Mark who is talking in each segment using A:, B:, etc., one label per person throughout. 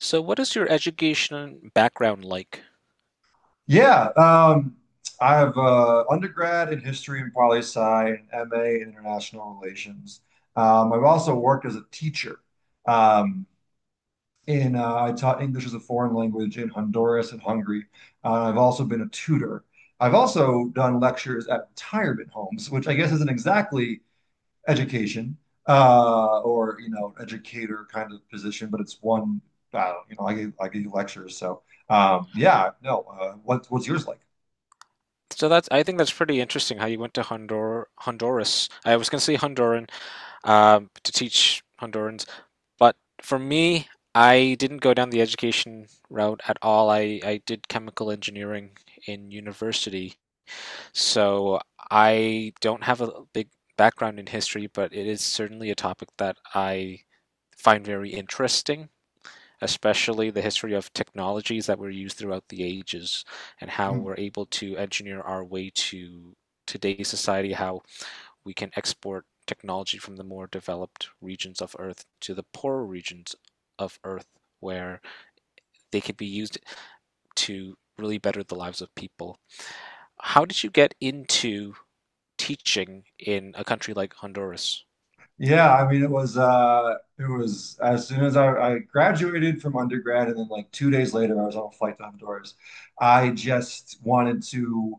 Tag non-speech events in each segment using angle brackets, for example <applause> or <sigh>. A: So what is your education background like?
B: Yeah, um, I have undergrad in history and poli sci, and MA in international relations. I've also worked as a teacher. Um, in I taught English as a foreign language in Honduras and Hungary. I've also been a tutor. I've also done lectures at retirement homes, which I guess isn't exactly education or educator kind of position, but it's one. I don't, you know, I gave lectures. No. What's yours like?
A: So that's I think that's pretty interesting how you went to Honduras. I was gonna say Honduran to teach Hondurans, but for me, I didn't go down the education route at all. I did chemical engineering in university, so I don't have a big background in history, but it is certainly a topic that I find very interesting. Especially the history of technologies that were used throughout the ages and how
B: Mm.
A: we're able to engineer our way to today's society, how we can export technology from the more developed regions of Earth to the poorer regions of Earth where they could be used to really better the lives of people. How did you get into teaching in a country like Honduras?
B: Yeah, I mean it was as soon as I graduated from undergrad and then like two days later I was on a flight to Honduras. I just wanted to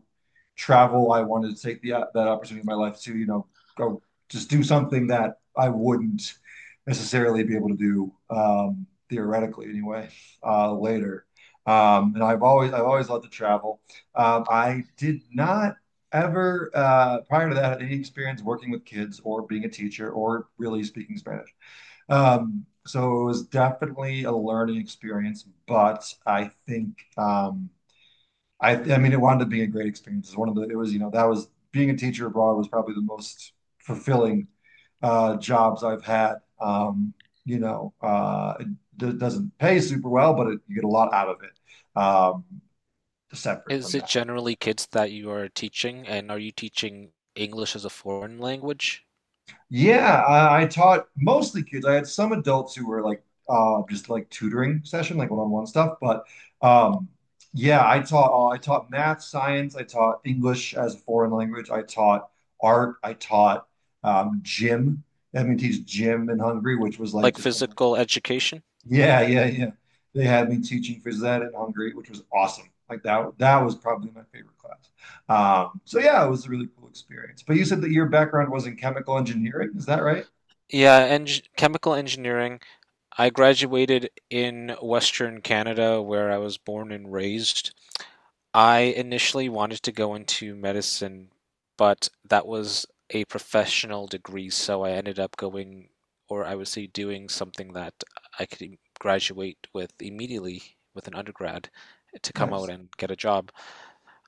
B: travel. I wanted to take the that opportunity in my life to, go just do something that I wouldn't necessarily be able to do theoretically anyway later. And I've always loved to travel. I did not ever prior to that had any experience working with kids or being a teacher or really speaking Spanish. So it was definitely a learning experience, but I think I mean it wound up being a great experience. It's one of the it was you know that was being a teacher abroad was probably the most fulfilling jobs I've had. It doesn't pay super well, but you get a lot out of it. Separate
A: Is
B: from
A: it
B: that.
A: generally kids that you are teaching, and are you teaching English as a foreign language?
B: Yeah, I taught mostly kids. I had some adults who were like just like tutoring session, like one-on-one stuff, but um yeah, I taught math, science, I taught English as a foreign language, I taught art, I taught gym. They had me teach gym in Hungary, which was like
A: Like
B: just
A: physical education?
B: yeah, yeah, yeah. They had me teaching phys ed in Hungary, which was awesome. Like that was probably my favorite class. So yeah, it was a really cool experience. But you said that your background was in chemical engineering, is that right?
A: Yeah, eng chemical engineering. I graduated in Western Canada where I was born and raised. I initially wanted to go into medicine, but that was a professional degree, so I ended up going, or I would say doing something that I could graduate with immediately with an undergrad to come out
B: Nice.
A: and get a job.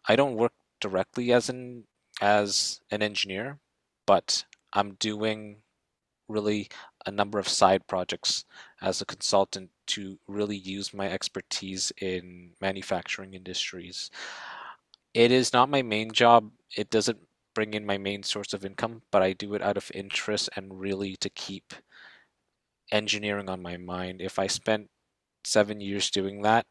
A: I don't work directly as an engineer, but I'm doing really a number of side projects as a consultant to really use my expertise in manufacturing industries. It is not my main job. It doesn't bring in my main source of income, but I do it out of interest and really to keep engineering on my mind. If I spent 7 years doing that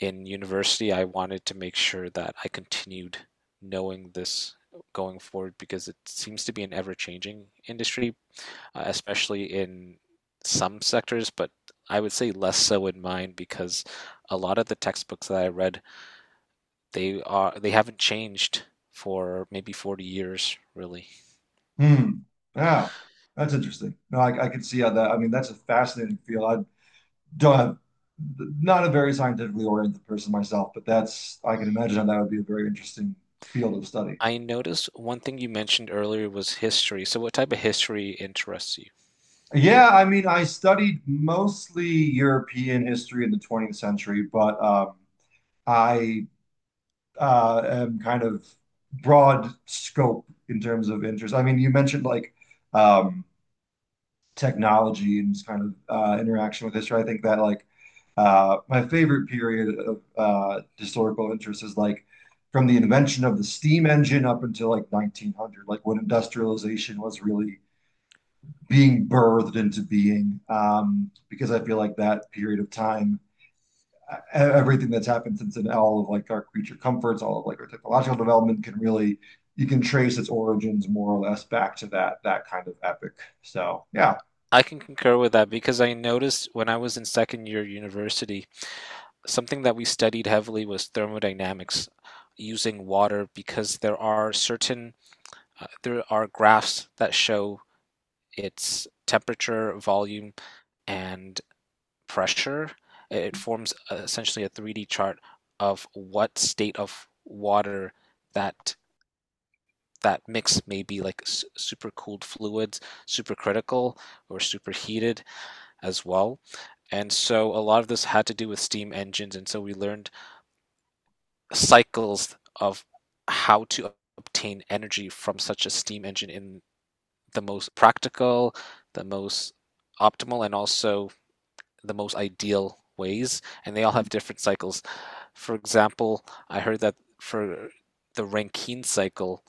A: in university, I wanted to make sure that I continued knowing this going forward because it seems to be an ever changing industry, especially in some sectors, but I would say less so in mine because a lot of the textbooks that I read they haven't changed for maybe 40 years, really.
B: Hmm. Yeah, that's interesting. No, I can see how that. I mean, that's a fascinating field. I don't have, not a very scientifically oriented person myself, but that's, I can imagine how that would be a very interesting field of study.
A: I noticed one thing you mentioned earlier was history. So what type of history interests you?
B: Yeah, I mean, I studied mostly European history in the 20th century, but I am kind of broad scope in terms of interest. I mean, you mentioned like um, technology and just kind of interaction with history. I think that my favorite period of historical interest is like from the invention of the steam engine up until like 1900, like when industrialization was really being birthed into being. Because I feel like that period of time, everything that's happened since then, all of like our creature comforts, all of like our technological development can really. You can trace its origins more or less back to that kind of epic. So yeah.
A: I can concur with that because I noticed when I was in second year university, something that we studied heavily was thermodynamics using water because there are graphs that show its temperature, volume, and pressure. It forms essentially a 3D chart of what state of water that that mix may be, like supercooled fluids, supercritical, or superheated as well. And so a lot of this had to do with steam engines, and so we learned cycles of how to obtain energy from such a steam engine in the most practical, the most optimal, and also the most ideal ways, and they all have different cycles. For example, I heard that for the Rankine cycle,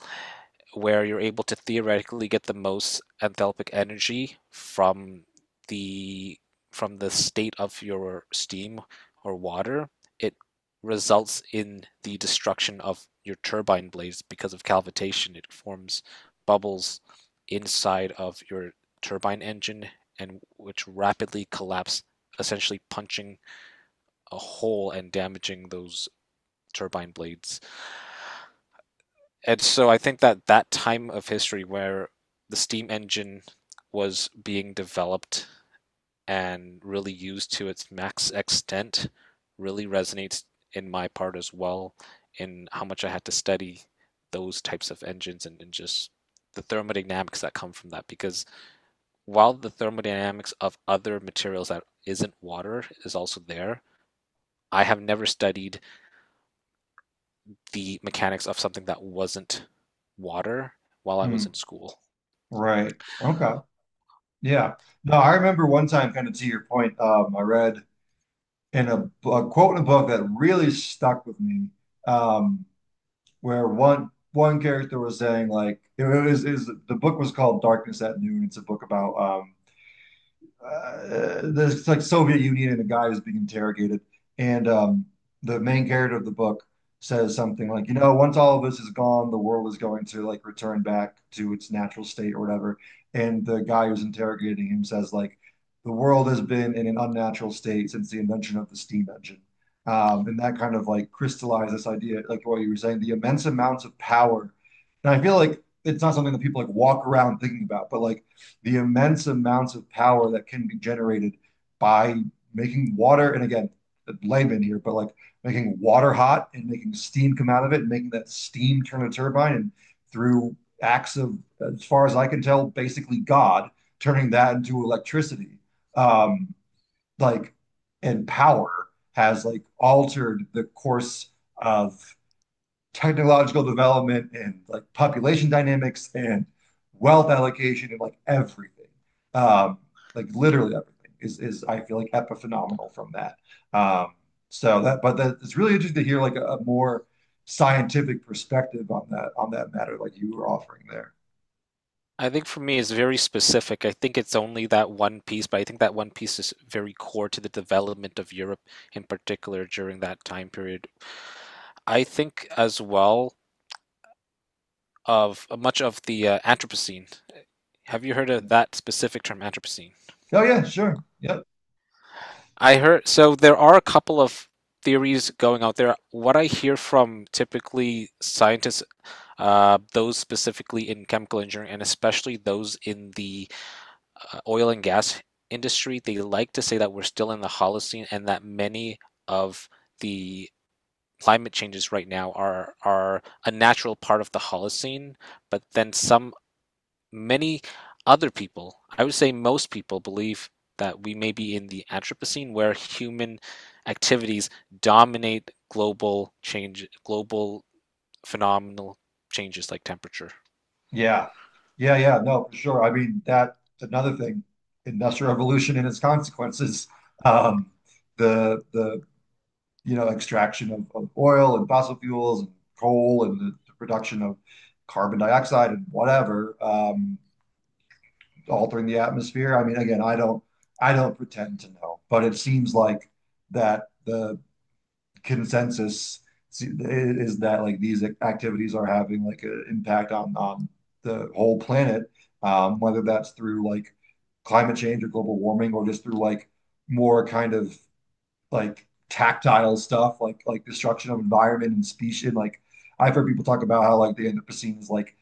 A: where you're able to theoretically get the most enthalpic energy the from the state of your steam or water, it results in the destruction of your turbine blades because of cavitation. It forms bubbles inside of your turbine engine and which rapidly collapse, essentially punching a hole and damaging those turbine blades. And so I think that that time of history where the steam engine was being developed and really used to its max extent really resonates in my part as well in how much I had to study those types of engines and, just the thermodynamics that come from that because while the thermodynamics of other materials that isn't water is also there, I have never studied the mechanics of something that wasn't water while I was
B: Hmm.
A: in school.
B: Right. Okay. Yeah. No, I remember one time, kind of to your point, I read in a a quote in a book that really stuck with me, um, where one character was saying like it was is the book was called Darkness at Noon. It's a book about there's like Soviet Union and a guy who's being interrogated, and the main character of the book says something like, once all of this is gone, the world is going to like return back to its natural state or whatever. And the guy who's interrogating him says like, the world has been in an unnatural state since the invention of the steam engine. And that kind of like crystallized this idea, like what you were saying, the immense amounts of power. And I feel like it's not something that people like walk around thinking about, but like the immense amounts of power that can be generated by making water, and again, layman here, but like making water hot and making steam come out of it and making that steam turn a turbine and through acts of, as far as I can tell, basically God turning that into electricity. Um, like, and power has like altered the course of technological development and like population dynamics and wealth allocation and like everything. Um, like literally everything is I feel like epiphenomenal from that. Um, so that it's really interesting to hear like a more scientific perspective on that matter, like you were offering there.
A: I think for me, it's very specific. I think it's only that one piece, but I think that one piece is very core to the development of Europe in particular during that time period. I think as well of much of the Anthropocene. Have you heard of
B: Yeah.
A: that specific term, Anthropocene?
B: Oh yeah, sure. Yep.
A: I heard, so there are a couple of theories going out there. What I hear from typically scientists, those specifically in chemical engineering, and especially those in the oil and gas industry, they like to say that we're still in the Holocene and that many of the climate changes right now are a natural part of the Holocene, but then some many other people, I would say most people believe that we may be in the Anthropocene where human activities dominate global change, global phenomenal changes like temperature.
B: Yeah. Yeah, no, for sure. I mean, that another thing, industrial revolution and its consequences. Um, the extraction of oil and fossil fuels and coal and the production of carbon dioxide and whatever, altering the atmosphere. I mean, again, I don't pretend to know, but it seems like that the consensus is that like these activities are having like an impact on the whole planet, whether that's through like climate change or global warming or just through like more kind of like tactile stuff, like destruction of environment and species. Like I've heard people talk about how like the Anthropocene is like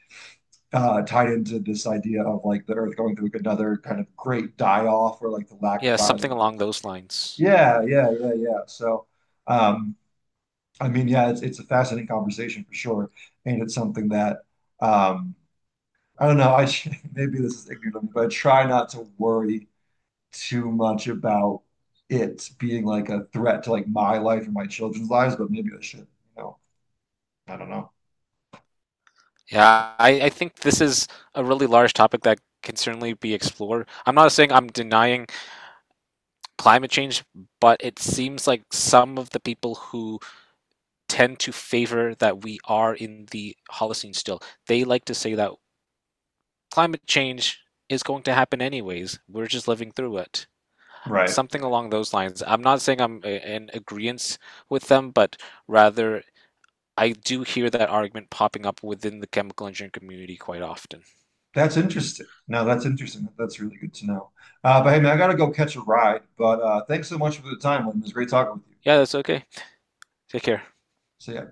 B: tied into this idea of like the Earth going through like, another kind of great die off or like the lack of
A: Yeah, something along those
B: biodiversity.
A: lines.
B: Yeah, yeah. So, um, I mean, yeah, it's a fascinating conversation for sure, and it's something that um, I don't know. I <laughs> maybe this is ignorant of me, but I try not to worry too much about it being like a threat to like my life or my children's lives, but maybe I should, you know, I don't know.
A: Yeah, I think this is a really large topic that can certainly be explored. I'm not saying I'm denying climate change, but it seems like some of the people who tend to favor that we are in the Holocene still, they like to say that climate change is going to happen anyways. We're just living through it.
B: Right.
A: Something along those lines. I'm not saying in agreement with them, but rather I do hear that argument popping up within the chemical engineering community quite often.
B: That's interesting. No, that's interesting. That's really good to know. But hey, man, I gotta go catch a ride. But thanks so much for the time, Lynn. It was great talking with you.
A: Yeah, that's okay. Take care.
B: See ya.